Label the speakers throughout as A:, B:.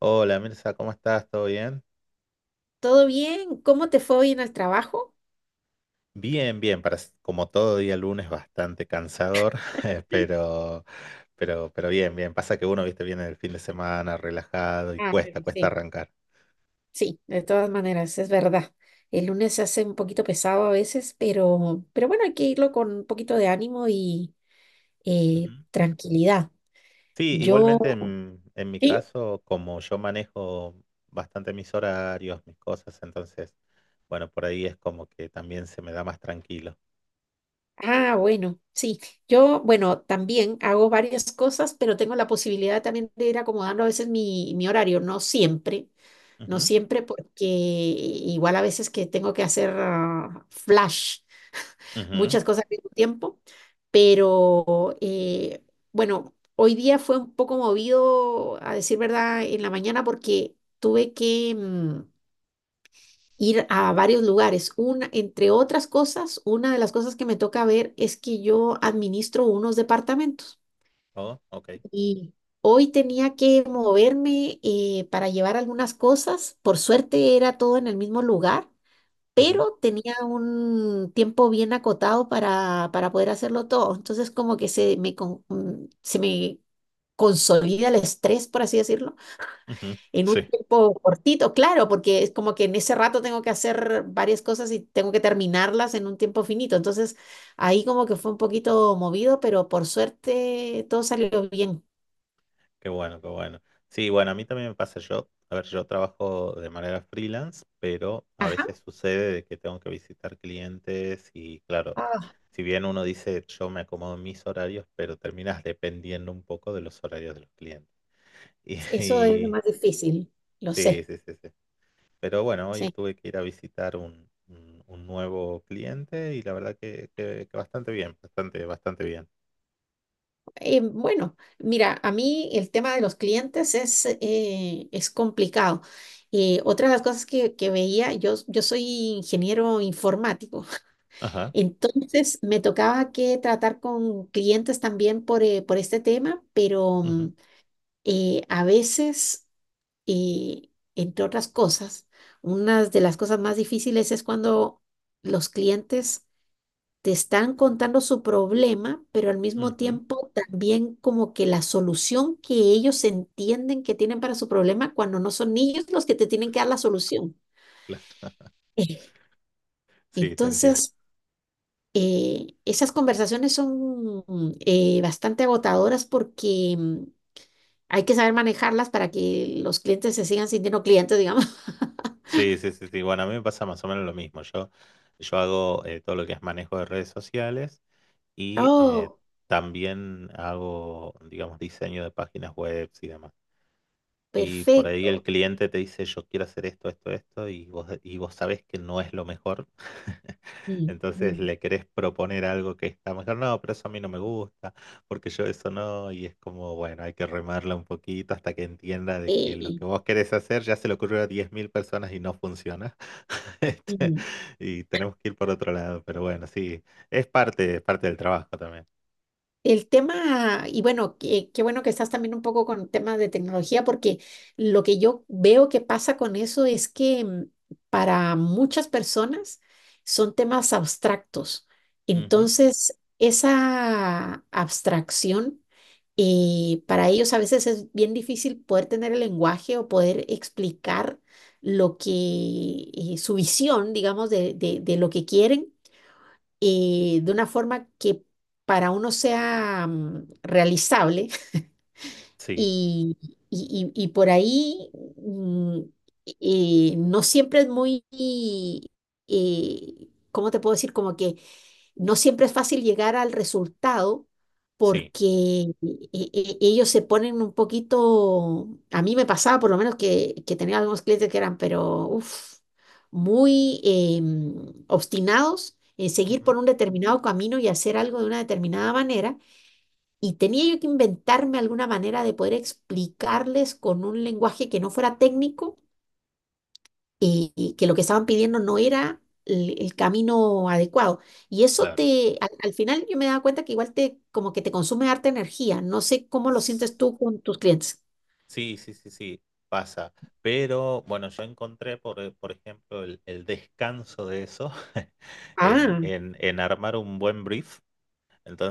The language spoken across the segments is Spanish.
A: Hola Mirza, ¿cómo estás? ¿Todo bien?
B: ¿Todo bien? ¿Cómo te fue hoy en el trabajo?
A: Bien, bien, como todo día lunes bastante cansador, eh, pero, pero bien, bien. Pasa que uno, viste, viene el fin de semana relajado y
B: Ah,
A: cuesta,
B: bueno,
A: cuesta
B: sí.
A: arrancar.
B: Sí, de todas maneras, es verdad. El lunes se hace un poquito pesado a veces, pero bueno, hay que irlo con un poquito de ánimo y
A: Ujú.
B: tranquilidad.
A: Sí,
B: Yo,
A: igualmente en mi
B: ¿sí?
A: caso, como yo manejo bastante mis horarios, mis cosas, entonces, bueno, por ahí es como que también se me da más tranquilo.
B: Ah, bueno, sí. Yo, bueno, también hago varias cosas, pero tengo la posibilidad también de ir acomodando a veces mi horario, no siempre, no
A: Ujú,
B: siempre, porque igual a veces que tengo que hacer flash.
A: ujú.
B: Muchas cosas al mismo tiempo, pero bueno, hoy día fue un poco movido, a decir verdad, en la mañana, porque tuve que ir a varios lugares. Una, entre otras cosas, una de las cosas que me toca ver es que yo administro unos departamentos,
A: Oh, OK.
B: y hoy tenía que moverme para llevar algunas cosas. Por suerte era todo en el mismo lugar,
A: Ujú,
B: pero tenía un tiempo bien acotado para poder hacerlo todo. Entonces como que se me consolida el estrés, por así decirlo,
A: ujú.
B: en un
A: Sí.
B: tiempo cortito, claro, porque es como que en ese rato tengo que hacer varias cosas y tengo que terminarlas en un tiempo finito. Entonces ahí como que fue un poquito movido, pero por suerte todo salió bien.
A: Qué bueno, qué bueno. Sí, bueno, a mí también me pasa yo. A ver, yo trabajo de manera freelance, pero a
B: Ajá.
A: veces sucede de que tengo que visitar clientes y claro,
B: Ah,
A: si bien uno dice yo me acomodo en mis horarios, pero terminas dependiendo un poco de los horarios de los clientes. Y,
B: eso es lo
A: y-
B: más difícil, lo
A: sí,
B: sé.
A: sí, sí, sí. Pero bueno, hoy
B: Sí.
A: tuve que ir a visitar un nuevo cliente y la verdad que bastante bien, bastante, bastante bien.
B: Bueno, mira, a mí el tema de los clientes es complicado. Otra de las cosas que veía, yo soy ingeniero informático,
A: Ajá.
B: entonces me tocaba que tratar con clientes también por este tema, pero
A: Ujú,
B: a veces, entre otras cosas, una de las cosas más difíciles es cuando los clientes te están contando su problema, pero al mismo
A: ujú,
B: tiempo también como que la solución que ellos entienden que tienen para su problema cuando no son ellos los que te tienen que dar la solución.
A: claro.
B: Eh,
A: Sí, te entiendo.
B: Entonces, esas conversaciones son bastante agotadoras porque hay que saber manejarlas para que los clientes se sigan sintiendo clientes, digamos.
A: Sí, sí, sí, sí. Bueno, a mí me pasa más o menos lo mismo. Yo hago todo lo que es manejo de redes sociales y
B: Oh,
A: también hago, digamos, diseño de páginas web y demás. Y por ahí el
B: perfecto.
A: cliente te dice, yo quiero hacer esto, esto, esto, y vos sabés que no es lo mejor.
B: Mm,
A: Entonces
B: mm,
A: le querés proponer algo que está mejor. No, pero eso a mí no me gusta, porque yo eso no. Y es como, bueno, hay que remarla un poquito hasta que entienda de que lo
B: eh,
A: que vos querés hacer ya se le ocurrió a 10.000 personas y no funciona. Este,
B: mm.
A: y tenemos que ir por otro lado. Pero bueno, sí, es parte del trabajo también.
B: El tema, y bueno, qué bueno que estás también un poco con temas de tecnología, porque lo que yo veo que pasa con eso es que, para muchas personas son temas abstractos.
A: Ujú.
B: Entonces, esa abstracción, para ellos a veces es bien difícil poder tener el lenguaje o poder explicar lo que, su visión, digamos, de lo que quieren, de una forma que para uno sea realizable,
A: Sí,
B: y, y por ahí mm, no siempre es muy, ¿cómo te puedo decir? Como que no siempre es fácil llegar al resultado
A: sí.
B: porque, ellos se ponen un poquito, a mí me pasaba por lo menos que tenía algunos clientes que eran, pero uf, muy obstinados en seguir
A: Ujú.
B: por un determinado camino y hacer algo de una determinada manera, y tenía yo que inventarme alguna manera de poder explicarles con un lenguaje que no fuera técnico, y que lo que estaban pidiendo no era el camino adecuado. Y eso
A: Claro.
B: al final yo me daba cuenta que igual como que te consume harta energía. No sé cómo lo sientes tú con tus clientes.
A: Sí, sí, sí, sí, pasa. Pero bueno, yo encontré, por ejemplo, el descanso de eso en,
B: Ah,
A: en, en armar un buen brief.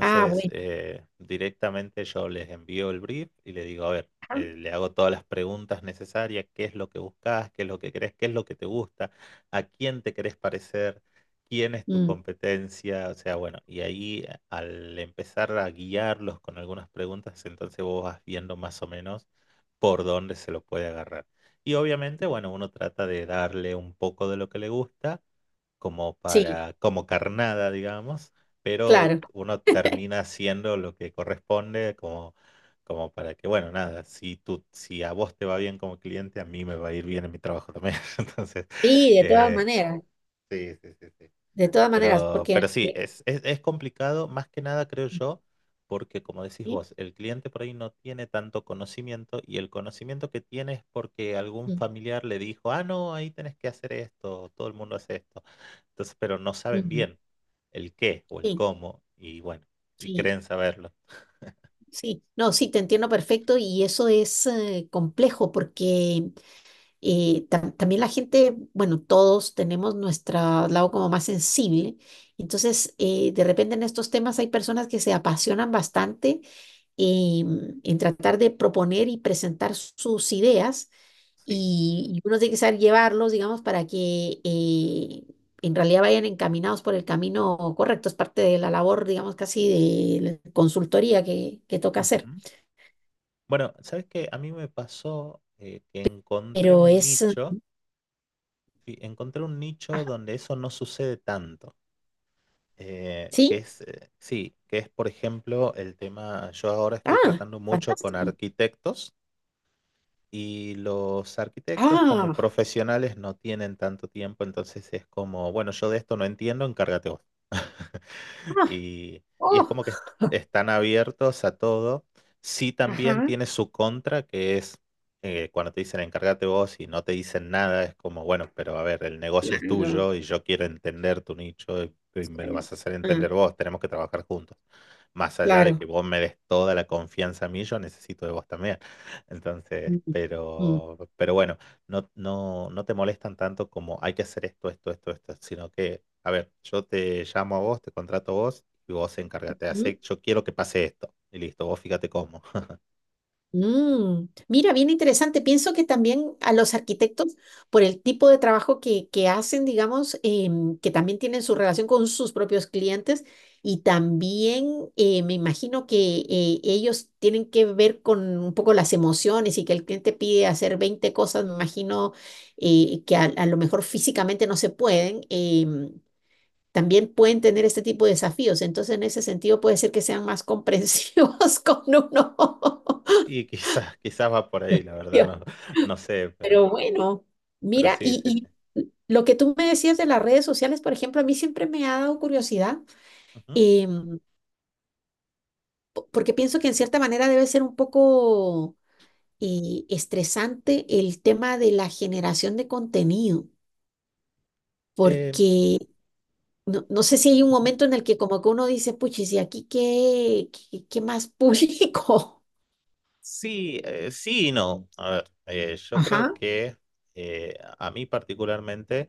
B: ah, bueno.
A: directamente yo les envío el brief y le digo, a ver,
B: Ah,
A: le hago todas las preguntas necesarias, qué es lo que buscas, qué es lo que crees, qué es lo que te gusta, a quién te querés parecer, quién es tu
B: mm,
A: competencia. O sea, bueno, y ahí al empezar a guiarlos con algunas preguntas, entonces vos vas viendo más o menos por dónde se lo puede agarrar. Y obviamente, bueno, uno trata de darle un poco de lo que le gusta como
B: sí,
A: para, como carnada, digamos, pero
B: claro.
A: uno termina haciendo lo que corresponde como, como para que, bueno, nada, si tú, si a vos te va bien como cliente, a mí me va a ir bien en mi trabajo también. Entonces,
B: Sí,
A: eh, sí, sí, sí, sí.
B: de todas maneras,
A: Pero sí, es complicado, más que nada creo yo, porque como decís
B: sí,
A: vos, el cliente por ahí no tiene tanto conocimiento y el conocimiento que tiene es porque algún
B: mm,
A: familiar le dijo, ah, no, ahí tenés que hacer esto, todo el mundo hace esto. Entonces, pero no saben
B: mm,
A: bien el qué o el
B: sí,
A: cómo y bueno, y
B: sí.
A: creen saberlo.
B: Sí, no, sí, te entiendo perfecto y eso es complejo porque, también la gente, bueno, todos tenemos nuestro lado como más sensible, entonces, de repente en estos temas hay personas que se apasionan bastante en tratar de proponer y presentar sus ideas,
A: Sí.
B: y uno tiene que saber llevarlos, digamos, para que en realidad vayan encaminados por el camino correcto. Es parte de la labor, digamos, casi de la consultoría que toca hacer.
A: Ujú. Bueno, ¿sabes qué? A mí me pasó que encontré
B: Pero
A: un
B: es...
A: nicho, sí, encontré un nicho
B: ah,
A: donde eso no sucede tanto. Que
B: ¿Sí?
A: es, sí, que es por ejemplo el tema, yo ahora estoy
B: Ah,
A: tratando mucho con
B: fantástico.
A: arquitectos. Y los arquitectos como
B: Ah,
A: profesionales no tienen tanto tiempo, entonces es como, bueno, yo de esto no entiendo, encárgate vos.
B: ah,
A: Y, y es
B: oh,
A: como que están abiertos a todo. Sí también
B: ajá,
A: tiene su contra, que es cuando te dicen encárgate vos y no te dicen nada, es como, bueno, pero a ver, el negocio es
B: claro.
A: tuyo y yo quiero entender tu nicho y me lo
B: Sí,
A: vas a hacer
B: ah,
A: entender vos, tenemos que trabajar juntos. Más allá de que
B: claro.
A: vos me des toda la confianza a mí, yo necesito de vos también. Entonces,
B: Mm, mm,
A: pero bueno, no, no, no te molestan tanto como hay que hacer esto, esto, esto, esto, sino que, a ver, yo te llamo a vos, te contrato a vos y vos encárgate de hacer,
B: mm.
A: yo quiero que pase esto. Y listo, vos fíjate cómo.
B: Mm, mira, bien interesante. Pienso que también a los arquitectos, por el tipo de trabajo que hacen, digamos, que también tienen su relación con sus propios clientes, y también me imagino que ellos tienen que ver con un poco las emociones y que el cliente pide hacer 20 cosas, me imagino, que a lo mejor físicamente no se pueden. También pueden tener este tipo de desafíos, entonces en ese sentido puede ser que sean más comprensivos con uno.
A: Y quizás, quizás va por ahí, la verdad, no, no sé, pero,
B: Pero bueno,
A: pero
B: mira,
A: sí, sí,
B: y,
A: sí.
B: y lo que tú me decías de las redes sociales, por ejemplo, a mí siempre me ha dado curiosidad,
A: Ujú.
B: em, porque pienso que en cierta manera debe ser un poco estresante el tema de la generación de contenido,
A: Eh,
B: porque no, no sé si hay un momento en el que como que uno dice, puchis, ¿y aquí qué más público?
A: sí, sí y no. A ver, yo creo
B: Ajá,
A: que a mí particularmente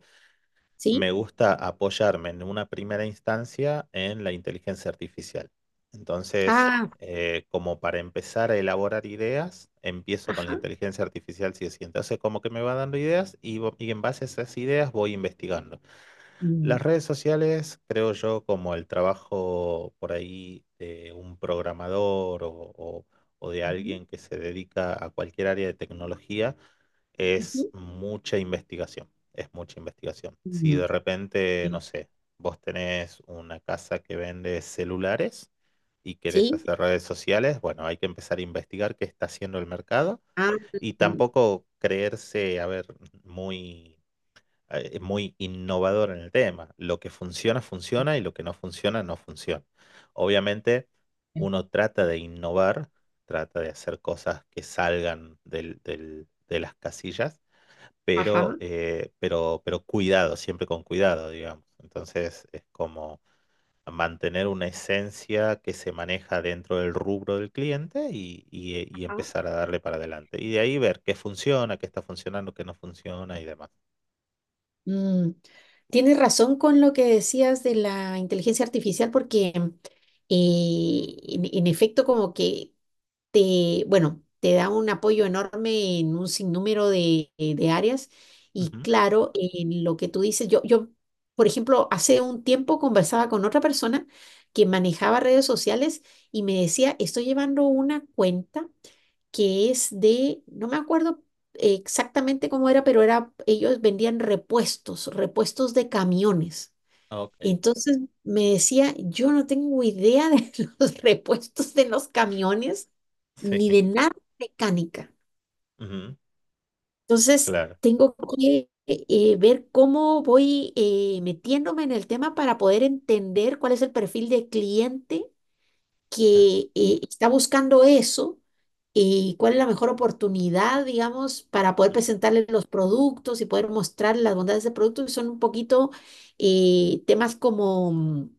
B: ¿sí?
A: me gusta apoyarme en una primera instancia en la inteligencia artificial. Entonces,
B: Ah,
A: como para empezar a elaborar ideas, empiezo con la
B: ajá.
A: inteligencia artificial, sí o sí. Entonces, como que me va dando ideas y en base a esas ideas voy investigando.
B: Mm,
A: Las redes sociales, creo yo, como el trabajo por ahí de un programador o- o de
B: ujú,
A: alguien que se dedica a cualquier área de tecnología, es
B: ujú,
A: mucha investigación, es mucha investigación. Si de
B: mm,
A: repente, no sé, vos tenés una casa que vende celulares y querés
B: sí,
A: hacer redes sociales, bueno, hay que empezar a investigar qué está haciendo el mercado,
B: ah.
A: y tampoco creerse, a ver, muy, muy innovador en el tema. Lo que funciona, funciona, y lo que no funciona, no funciona. Obviamente,
B: Mm,
A: uno trata de innovar, trata de hacer cosas que salgan de las casillas, pero,
B: ajá,
A: eh, pero, pero cuidado, siempre con cuidado, digamos. Entonces es como mantener una esencia que se maneja dentro del rubro del cliente y
B: ajá.
A: empezar a darle para adelante. Y de ahí ver qué funciona, qué está funcionando, qué no funciona y demás.
B: Mm, tienes razón con lo que decías de la inteligencia artificial, porque en efecto como que bueno, te da un apoyo enorme en un sinnúmero de áreas, y
A: Ujú.
B: claro, en lo que tú dices, yo, por ejemplo, hace un tiempo conversaba con otra persona que manejaba redes sociales y me decía, estoy llevando una cuenta que es de, no me acuerdo exactamente cómo era, pero era, ellos vendían repuestos, repuestos de camiones.
A: OK,
B: Entonces me decía, yo no tengo idea de los repuestos de los camiones
A: sí.
B: ni de nada de mecánica.
A: Ujú.
B: Entonces
A: Claro.
B: tengo que ver cómo voy metiéndome en el tema para poder entender cuál es el perfil de cliente que está buscando eso, y cuál es la mejor oportunidad, digamos, para poder
A: Ujú.
B: presentarle los productos y poder mostrar las bondades del producto, que son un poquito, temas como mm,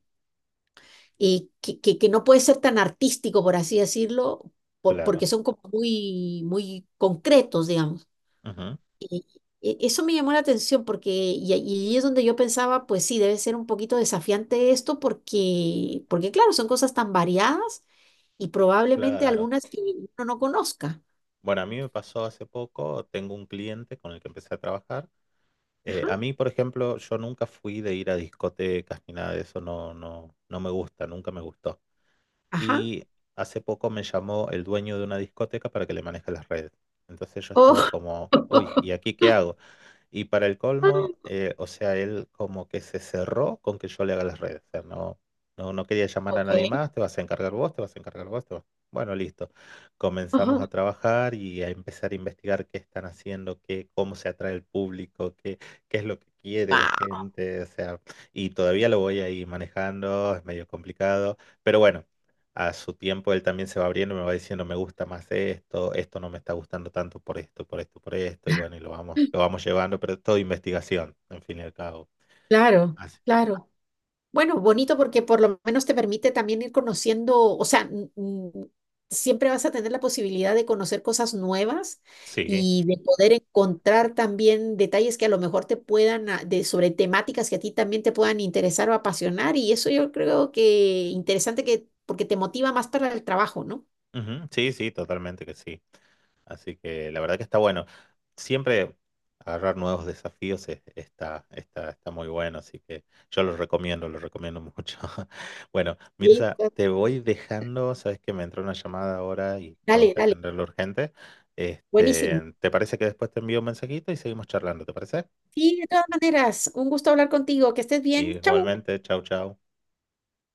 B: eh, que no puede ser tan artístico, por así decirlo,
A: Claro.
B: porque son como muy, muy concretos, digamos.
A: Ujú.
B: Y Eso me llamó la atención porque, y ahí es donde yo pensaba, pues sí, debe ser un poquito desafiante esto porque, claro, son cosas tan variadas y probablemente
A: Claro.
B: algunas que uno no conozca.
A: Bueno, a mí me pasó hace poco, tengo un cliente con el que empecé a trabajar. Eh,
B: Ajá,
A: a mí, por ejemplo, yo nunca fui de ir a discotecas ni nada de eso, no, no, no me gusta, nunca me gustó.
B: ajá.
A: Y hace poco me llamó el dueño de una discoteca para que le maneje las redes. Entonces yo estaba
B: Oh,
A: como, uy, ¿y aquí qué hago? Y para el colmo, o sea, él como que se cerró con que yo le haga las redes. O sea, no, no, no quería llamar a
B: ok.
A: nadie más, te vas a encargar vos, te vas a encargar vos, bueno, listo. Comenzamos
B: Ajá.
A: a trabajar y a empezar a investigar qué están haciendo, qué, cómo se atrae el público, qué es lo que quiere la
B: Wao.
A: gente. O sea, y todavía lo voy ahí manejando, es medio complicado. Pero bueno, a su tiempo él también se va abriendo, y me va diciendo, me gusta más esto, esto no me está gustando tanto por esto, por esto, por esto, y bueno, y lo vamos llevando, pero es todo investigación, en fin y al cabo.
B: Claro,
A: Así.
B: claro. Bueno, bonito porque por lo menos te permite también ir conociendo, o sea, siempre vas a tener la posibilidad de conocer cosas nuevas
A: Sí.
B: y de poder encontrar también detalles que a lo mejor te puedan, sobre temáticas que a ti también te puedan interesar o apasionar. Y eso yo creo que interesante porque te motiva más para el trabajo, ¿no?
A: Ujú. Sí, sí, totalmente que sí. Así que la verdad que está bueno. Siempre agarrar nuevos desafíos está, está, está muy bueno, así que yo lo recomiendo mucho. Bueno,
B: Sí,
A: Mirza,
B: claro.
A: te voy dejando, sabes que me entró una llamada ahora y tengo
B: Dale,
A: que
B: dale.
A: atenderlo urgente.
B: Buenísimo.
A: Este, ¿te parece que después te envío un mensajito y seguimos charlando? ¿Te parece?
B: Sí, de todas maneras, un gusto hablar contigo. Que estés bien. Chau.
A: Igualmente, chau, chau.